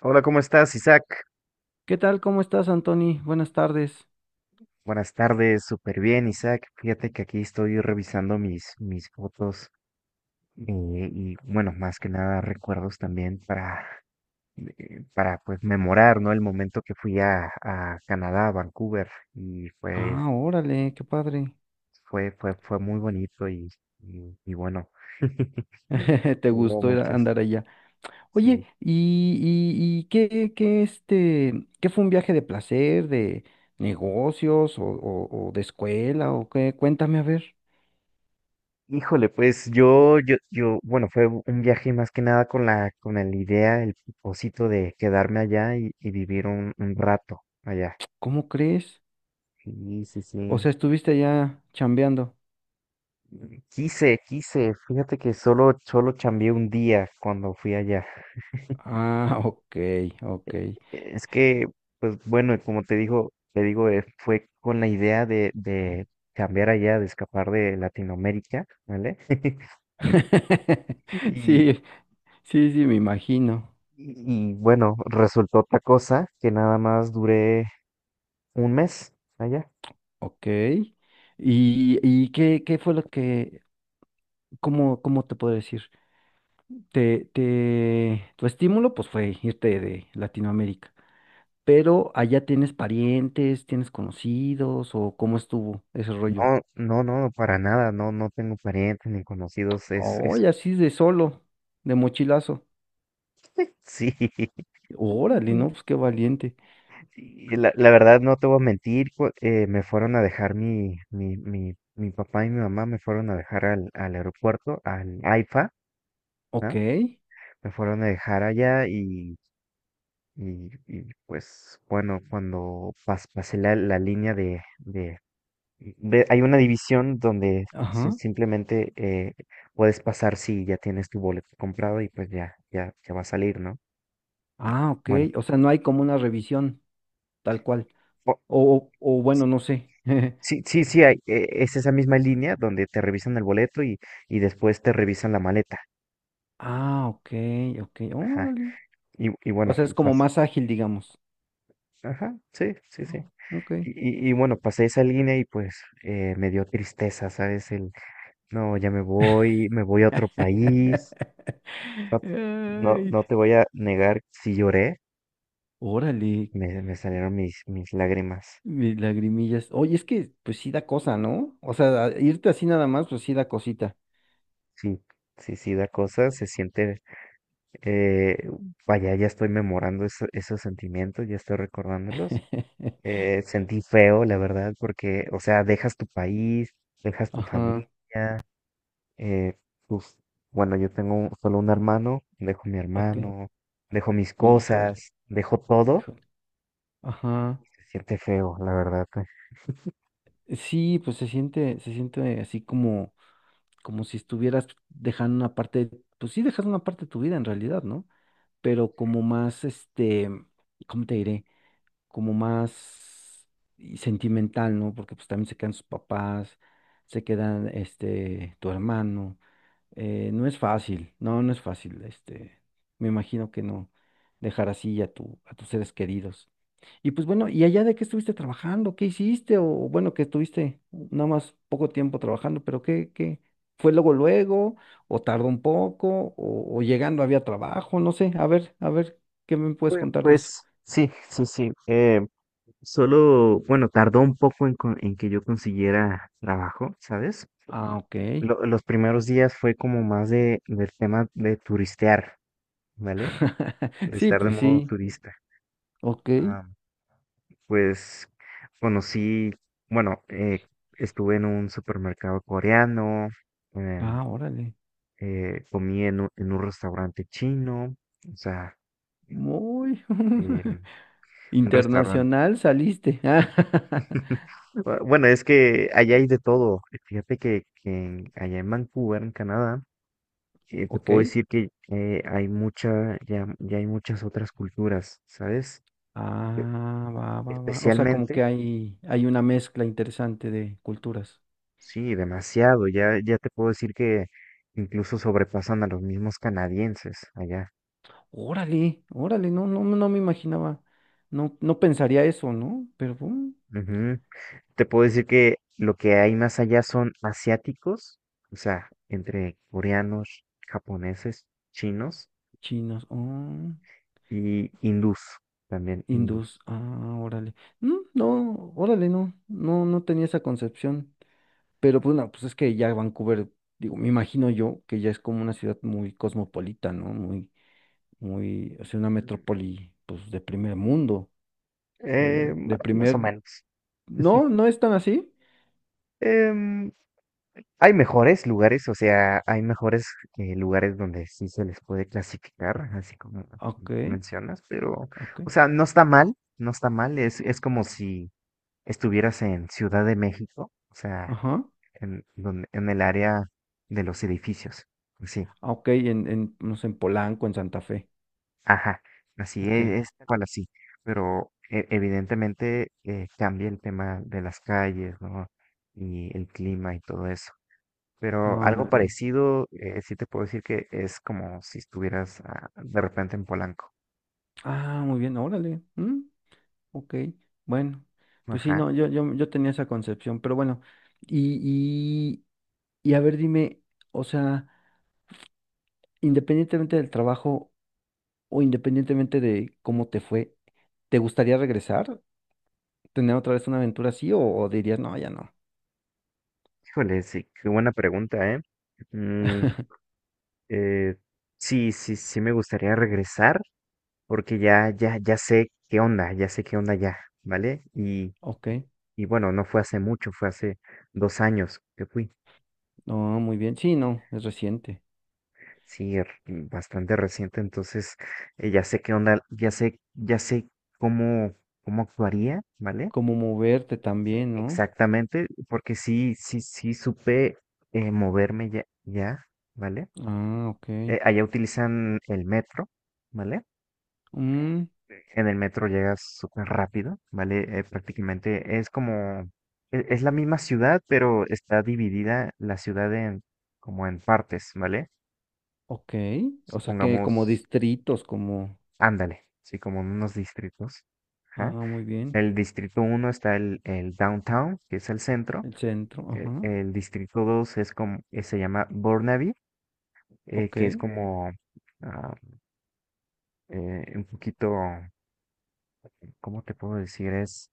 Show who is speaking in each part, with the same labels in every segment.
Speaker 1: Hola, ¿cómo estás, Isaac?
Speaker 2: ¿Qué tal? ¿Cómo estás, Anthony? Buenas tardes.
Speaker 1: Buenas tardes, súper bien, Isaac. Fíjate que aquí estoy revisando mis fotos y, bueno, más que nada recuerdos también para pues memorar, ¿no? El momento que fui a Canadá, a Vancouver, y
Speaker 2: Ah, órale, qué padre.
Speaker 1: fue muy bonito y bueno,
Speaker 2: Te
Speaker 1: hubo
Speaker 2: gustó ir
Speaker 1: muchas,
Speaker 2: andar allá. Oye,
Speaker 1: sí.
Speaker 2: ¿y qué fue un viaje de placer, de negocios o de escuela o qué? Cuéntame a ver,
Speaker 1: Híjole, pues bueno, fue un viaje más que nada con con la idea, el propósito de quedarme allá y vivir un rato allá.
Speaker 2: ¿cómo crees?
Speaker 1: Sí, sí,
Speaker 2: O
Speaker 1: sí.
Speaker 2: sea, estuviste allá chambeando.
Speaker 1: Quise. Fíjate que solo chambeé un día cuando fui allá.
Speaker 2: Ah, ok, ok.
Speaker 1: Es que, pues bueno, como te digo, fue con la idea de cambiar allá, de escapar de Latinoamérica, ¿vale? Y,
Speaker 2: Sí, sí, sí, me imagino.
Speaker 1: y, bueno, resultó otra cosa que nada más duré. ¿Un mes allá?
Speaker 2: Ok. ¿Y qué fue lo que, cómo te puedo decir? Tu estímulo pues fue irte de Latinoamérica, pero allá tienes parientes, tienes conocidos o cómo estuvo ese rollo.
Speaker 1: No, no, no, para nada, no, no tengo parientes ni conocidos, es,
Speaker 2: Oye, así de solo, de mochilazo.
Speaker 1: sí.
Speaker 2: Órale,
Speaker 1: Mm.
Speaker 2: ¿no? Pues qué valiente.
Speaker 1: Y la verdad no te voy a mentir, me fueron a dejar mi papá y mi mamá me fueron a dejar al aeropuerto, al AIFA,
Speaker 2: Ok,
Speaker 1: ¿no? Me fueron a dejar allá y, pues bueno, cuando pasé la línea de hay una división donde
Speaker 2: ajá.
Speaker 1: simplemente puedes pasar si ya tienes tu boleto comprado y pues ya va a salir, ¿no?
Speaker 2: Ah, ok.
Speaker 1: Bueno,
Speaker 2: O sea, no hay como una revisión tal cual.
Speaker 1: o-
Speaker 2: O bueno, no sé.
Speaker 1: sí, sí, sí, hay, es esa misma línea donde te revisan el boleto y después te revisan la maleta.
Speaker 2: Ah, ok, ok.
Speaker 1: Ajá.
Speaker 2: Órale. O
Speaker 1: Bueno,
Speaker 2: sea, es como
Speaker 1: pas-
Speaker 2: más ágil, digamos.
Speaker 1: ajá, sí, sí, sí.
Speaker 2: Ok.
Speaker 1: Bueno, pasé esa línea y pues me dio tristeza, ¿sabes? El, no, ya me voy a otro país. No, no,
Speaker 2: Ay,
Speaker 1: no te voy a negar si lloré.
Speaker 2: órale,
Speaker 1: Me salieron mis lágrimas.
Speaker 2: lagrimillas. Oye, es que pues sí da cosa, ¿no? O sea, irte así nada más, pues sí da cosita.
Speaker 1: Sí, sí, sí, da cosa, se siente, eh, vaya, ya estoy memorando esos sentimientos, ya estoy recordándolos. Sentí feo, la verdad, porque, o sea, dejas tu país, dejas tu familia,
Speaker 2: Ajá,
Speaker 1: eh, tus- bueno, yo tengo solo un hermano, dejo mi
Speaker 2: ok.
Speaker 1: hermano, dejo mis
Speaker 2: Híjole,
Speaker 1: cosas, dejo todo.
Speaker 2: híjole. Ajá.
Speaker 1: Se siente feo, la verdad.
Speaker 2: Sí, pues se siente así como si estuvieras dejando una parte, pues sí dejas una parte de tu vida en realidad, ¿no? Pero como más, ¿cómo te diré? Como más y sentimental, ¿no? Porque pues también se quedan sus papás, se quedan, tu hermano. No es fácil, no, no es fácil, me imagino que no dejar así a tus seres queridos. Y pues bueno, ¿y allá de qué estuviste trabajando? ¿Qué hiciste? O bueno, que estuviste nada más poco tiempo trabajando, pero ¿qué? ¿Fue luego luego? ¿O tardó un poco? ¿O llegando había trabajo? No sé, a ver, ¿qué me puedes
Speaker 1: Pues,
Speaker 2: contar de eso?
Speaker 1: pues sí, sí, sí. Solo, bueno, tardó un poco en, en que yo consiguiera trabajo, ¿sabes?
Speaker 2: Ah, ok.
Speaker 1: Los primeros días fue como más de, del tema de turistear, ¿vale?
Speaker 2: Sí,
Speaker 1: Turistear de
Speaker 2: pues
Speaker 1: modo
Speaker 2: sí,
Speaker 1: turista.
Speaker 2: ok.
Speaker 1: Ah, pues conocí, bueno, estuve en un supermercado coreano, em,
Speaker 2: Ah, órale.
Speaker 1: comí en un restaurante chino, o sea,
Speaker 2: Muy
Speaker 1: em, un restaurante.
Speaker 2: internacional saliste.
Speaker 1: Bueno, es que allá hay de todo. Fíjate que allá en Vancouver, en Canadá, te
Speaker 2: Ok.
Speaker 1: puedo decir que hay mucha, ya hay muchas otras culturas, ¿sabes? E-
Speaker 2: Ah, va, va, va. O sea, como que
Speaker 1: Especialmente,
Speaker 2: hay una mezcla interesante de culturas.
Speaker 1: sí, demasiado. Ya te puedo decir que incluso sobrepasan a los mismos canadienses allá.
Speaker 2: Órale, órale, no, no, no me imaginaba. No, no pensaría eso, ¿no? Pero
Speaker 1: Ujú. Te puedo decir que lo que hay más allá son asiáticos, o sea, entre coreanos, japoneses, chinos.
Speaker 2: chinos, oh,
Speaker 1: Y hindús, también
Speaker 2: hindús,
Speaker 1: hindús.
Speaker 2: ah, órale. Mm, no, órale, no, no, no tenía esa concepción. Pero pues no, pues es que ya Vancouver, digo, me imagino yo que ya es como una ciudad muy cosmopolita, ¿no? Muy, muy, o sea, una metrópoli, pues, de primer mundo, de,
Speaker 1: Ma-
Speaker 2: de
Speaker 1: más o
Speaker 2: primer.
Speaker 1: menos.
Speaker 2: No, no es tan así.
Speaker 1: Em, hay mejores lugares, o sea, hay mejores lugares donde sí se les puede clasificar, así como
Speaker 2: Ok,
Speaker 1: mencionas, pero,
Speaker 2: ok,
Speaker 1: o sea, no está mal, no está mal, es como si estuvieras en Ciudad de México, o sea,
Speaker 2: ajá.
Speaker 1: en, donde, en el área de los edificios, sí.
Speaker 2: Ah, ok, en, no sé, en Polanco, en Santa Fe.
Speaker 1: Ajá, así
Speaker 2: Ok,
Speaker 1: es tal cual así, pero e- evidentemente cambia el tema de las calles, ¿no? Y el clima y todo eso. Pero
Speaker 2: ah, muy
Speaker 1: algo
Speaker 2: bien.
Speaker 1: parecido, sí te puedo decir que es como si estuvieras ah, de repente en Polanco.
Speaker 2: Ah, muy bien, órale. Ok, bueno, pues sí,
Speaker 1: Ajá.
Speaker 2: no, yo tenía esa concepción, pero bueno, y, y, y a ver, dime, o sea, independientemente del trabajo o independientemente de cómo te fue, ¿te gustaría regresar? ¿Tener otra vez una aventura así o dirías, no, ya no?
Speaker 1: Híjole, sí, qué buena pregunta, ¿eh? Mm, eh, sí, sí, sí me gustaría regresar, porque ya sé qué onda, ya sé qué onda ya, ¿vale?
Speaker 2: Ok,
Speaker 1: Y bueno, no fue hace mucho, fue hace 2 años que fui.
Speaker 2: no, muy bien, sí, no, es reciente.
Speaker 1: Sí, r- bastante reciente, entonces ya sé qué onda, ya sé cómo, cómo actuaría, ¿vale?
Speaker 2: Como moverte también, ¿no?
Speaker 1: Exactamente, porque sí, sí, sí supe moverme ya, ya, ¿vale?
Speaker 2: Ah, ok.
Speaker 1: Allá utilizan el metro, ¿vale?
Speaker 2: Mm,
Speaker 1: En el metro llegas súper rápido, ¿vale? Prácticamente es como, e- es la misma ciudad, pero está dividida la ciudad en, como en partes, ¿vale?
Speaker 2: ok. O sea que como
Speaker 1: Pongamos,
Speaker 2: distritos, como.
Speaker 1: ándale, sí, como en unos distritos.
Speaker 2: Ah,
Speaker 1: Ajá.
Speaker 2: muy bien.
Speaker 1: El distrito uno está el downtown, que es el centro.
Speaker 2: El centro, ajá.
Speaker 1: El distrito 2 es como, se llama Burnaby,
Speaker 2: Ok,
Speaker 1: que es como ah, un poquito ¿cómo te puedo decir?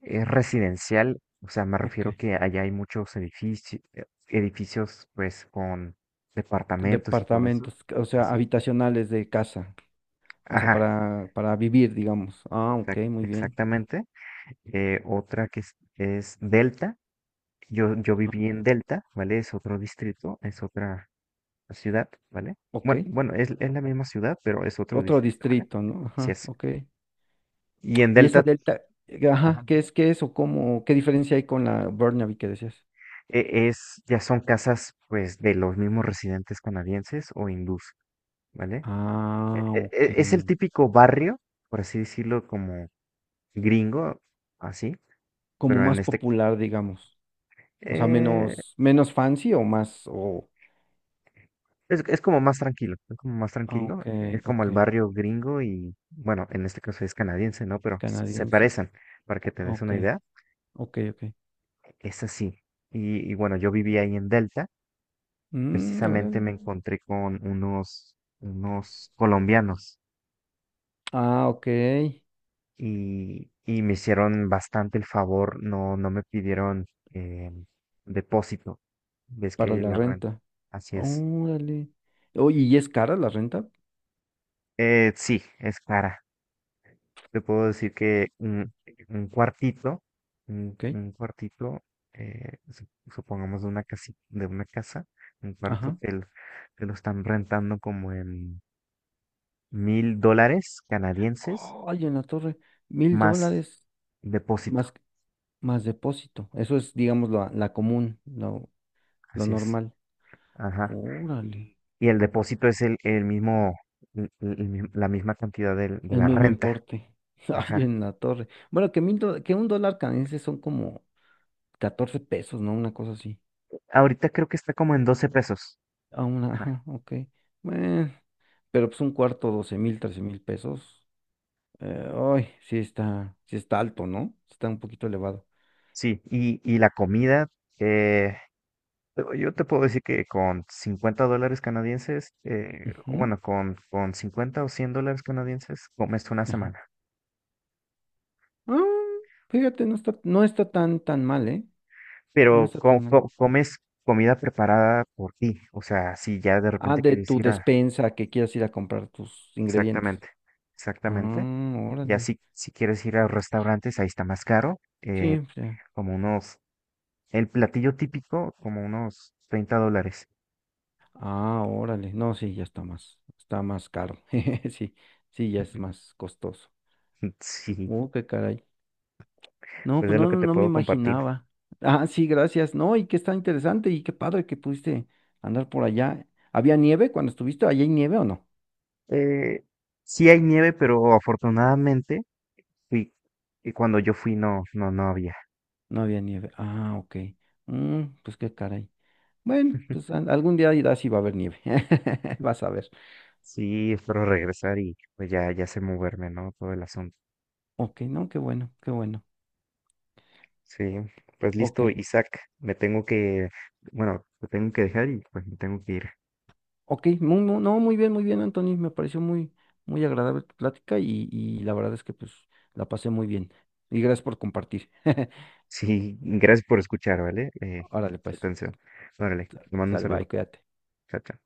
Speaker 1: Es residencial, o sea, me
Speaker 2: ok.
Speaker 1: refiero que allá hay muchos edificios, edificios pues con departamentos y todo eso.
Speaker 2: Departamentos, o sea,
Speaker 1: Así es.
Speaker 2: habitacionales de casa. O sea,
Speaker 1: Ajá,
Speaker 2: para vivir, digamos. Ah, ok,
Speaker 1: exac-
Speaker 2: muy bien.
Speaker 1: exactamente. Otra que es Delta. Yo
Speaker 2: Ah,
Speaker 1: viví en Delta, ¿vale? Es otro distrito, es otra ciudad, ¿vale?
Speaker 2: ok.
Speaker 1: Bueno, bueno, es la misma ciudad, pero es otro
Speaker 2: Otro
Speaker 1: distrito, ¿vale?
Speaker 2: distrito, ¿no?
Speaker 1: Así
Speaker 2: Ajá,
Speaker 1: es.
Speaker 2: ok.
Speaker 1: Y en
Speaker 2: Y esa
Speaker 1: Delta,
Speaker 2: delta,
Speaker 1: ajá,
Speaker 2: ajá, ¿qué
Speaker 1: dime.
Speaker 2: es, qué es o cómo, qué diferencia hay con la Burnaby que decías?
Speaker 1: E- Es, ya son casas pues de los mismos residentes canadienses o hindús, ¿vale? E-
Speaker 2: Ah,
Speaker 1: e-
Speaker 2: ok.
Speaker 1: e- Es el típico barrio, por así decirlo, como gringo, así,
Speaker 2: Como
Speaker 1: pero en
Speaker 2: más
Speaker 1: este,
Speaker 2: popular, digamos. O sea,
Speaker 1: eh,
Speaker 2: menos fancy o más, o.
Speaker 1: es como más tranquilo, es como más
Speaker 2: Ah,
Speaker 1: tranquilo,
Speaker 2: ok,
Speaker 1: es como
Speaker 2: ok,
Speaker 1: el barrio gringo y, bueno, en este caso es canadiense, ¿no? Pero s- se
Speaker 2: canadiense.
Speaker 1: parecen, para que te des
Speaker 2: Ok,
Speaker 1: una idea,
Speaker 2: ok, ok.
Speaker 1: es así. Y bueno, yo viví ahí en Delta,
Speaker 2: Mm,
Speaker 1: precisamente
Speaker 2: órale.
Speaker 1: me encontré con unos, unos colombianos
Speaker 2: Ah, ok,
Speaker 1: y me hicieron bastante el favor, no, no me pidieron eh, depósito. Ves
Speaker 2: para
Speaker 1: que
Speaker 2: la
Speaker 1: la renta,
Speaker 2: renta.
Speaker 1: así es.
Speaker 2: Órale. Oye, ¿y es cara la renta?
Speaker 1: Sí, es cara. Te puedo decir que un cuartito,
Speaker 2: Ok,
Speaker 1: un cuartito, su- supongamos de una casi, de una casa, un cuarto
Speaker 2: ajá.
Speaker 1: te lo están rentando como en 1.000 dólares canadienses
Speaker 2: Ay, en la torre, mil
Speaker 1: más
Speaker 2: dólares más,
Speaker 1: depósito.
Speaker 2: más depósito. Eso es, digamos, la común, lo
Speaker 1: Así es.
Speaker 2: normal.
Speaker 1: Ajá.
Speaker 2: Órale,
Speaker 1: Y el depósito es el mismo, el mi- la misma cantidad del- de,
Speaker 2: el
Speaker 1: la
Speaker 2: mismo
Speaker 1: renta.
Speaker 2: importe. Ay,
Speaker 1: Ajá.
Speaker 2: en la torre. Bueno, que un dólar canadiense son como 14 pesos, ¿no? Una cosa así.
Speaker 1: Ahorita creo que está como en 12 pesos.
Speaker 2: A una,
Speaker 1: Ajá.
Speaker 2: ajá, ok. Bueno, pero pues un cuarto, 12,000, 13,000 pesos. Ay, sí está alto, ¿no? Está un poquito elevado.
Speaker 1: Sí, y la comida, eh, yo te puedo decir que con 50 dólares canadienses,
Speaker 2: Ujú,
Speaker 1: bueno, con 50 o 100 dólares canadienses, comes una
Speaker 2: ajá.
Speaker 1: semana.
Speaker 2: Ah, fíjate, no está tan, tan mal, ¿eh?
Speaker 1: Pero
Speaker 2: No está
Speaker 1: co-
Speaker 2: tan mal.
Speaker 1: co- comes comida preparada por ti. O sea, si ya de
Speaker 2: Ah,
Speaker 1: repente
Speaker 2: de
Speaker 1: quieres
Speaker 2: tu
Speaker 1: ir a...
Speaker 2: despensa que quieras ir a comprar tus ingredientes.
Speaker 1: Exactamente,
Speaker 2: Ah,
Speaker 1: exactamente. Ya
Speaker 2: órale.
Speaker 1: si, si quieres ir a restaurantes, ahí está más caro,
Speaker 2: Sí, o sea,
Speaker 1: como unos, el platillo típico, como unos 30 dólares.
Speaker 2: ah, órale. No, sí, ya está más caro. Sí, sí, ya es más costoso.
Speaker 1: Sí,
Speaker 2: Qué caray. No,
Speaker 1: pues
Speaker 2: pues
Speaker 1: es lo
Speaker 2: no,
Speaker 1: que te
Speaker 2: no me
Speaker 1: puedo compartir.
Speaker 2: imaginaba. Ah, sí, gracias. No, y que está interesante y qué padre que pudiste andar por allá. ¿Había nieve cuando estuviste? ¿Allá hay nieve o no?
Speaker 1: Eh, sí hay nieve, pero afortunadamente fui, y cuando yo fui no, no, no había.
Speaker 2: No había nieve. Ah, ok. Pues qué caray. Bueno, pues algún día irás y va a haber nieve. Vas a ver.
Speaker 1: Sí, espero regresar y pues ya, ya sé moverme, ¿no? Todo el asunto.
Speaker 2: Ok, no, qué bueno, qué bueno.
Speaker 1: Sí, pues
Speaker 2: Ok,
Speaker 1: listo, Isaac, me tengo que, bueno, te tengo que dejar y pues me tengo que ir.
Speaker 2: ok, no, muy bien, Anthony. Me pareció muy, muy agradable tu plática y la verdad es que pues la pasé muy bien. Y gracias por compartir.
Speaker 1: Sí, gracias por escuchar, ¿vale?
Speaker 2: Órale, pues,
Speaker 1: Atención. Órale, te mando un
Speaker 2: sale, bye,
Speaker 1: saludo.
Speaker 2: cuídate.
Speaker 1: Chao, chao.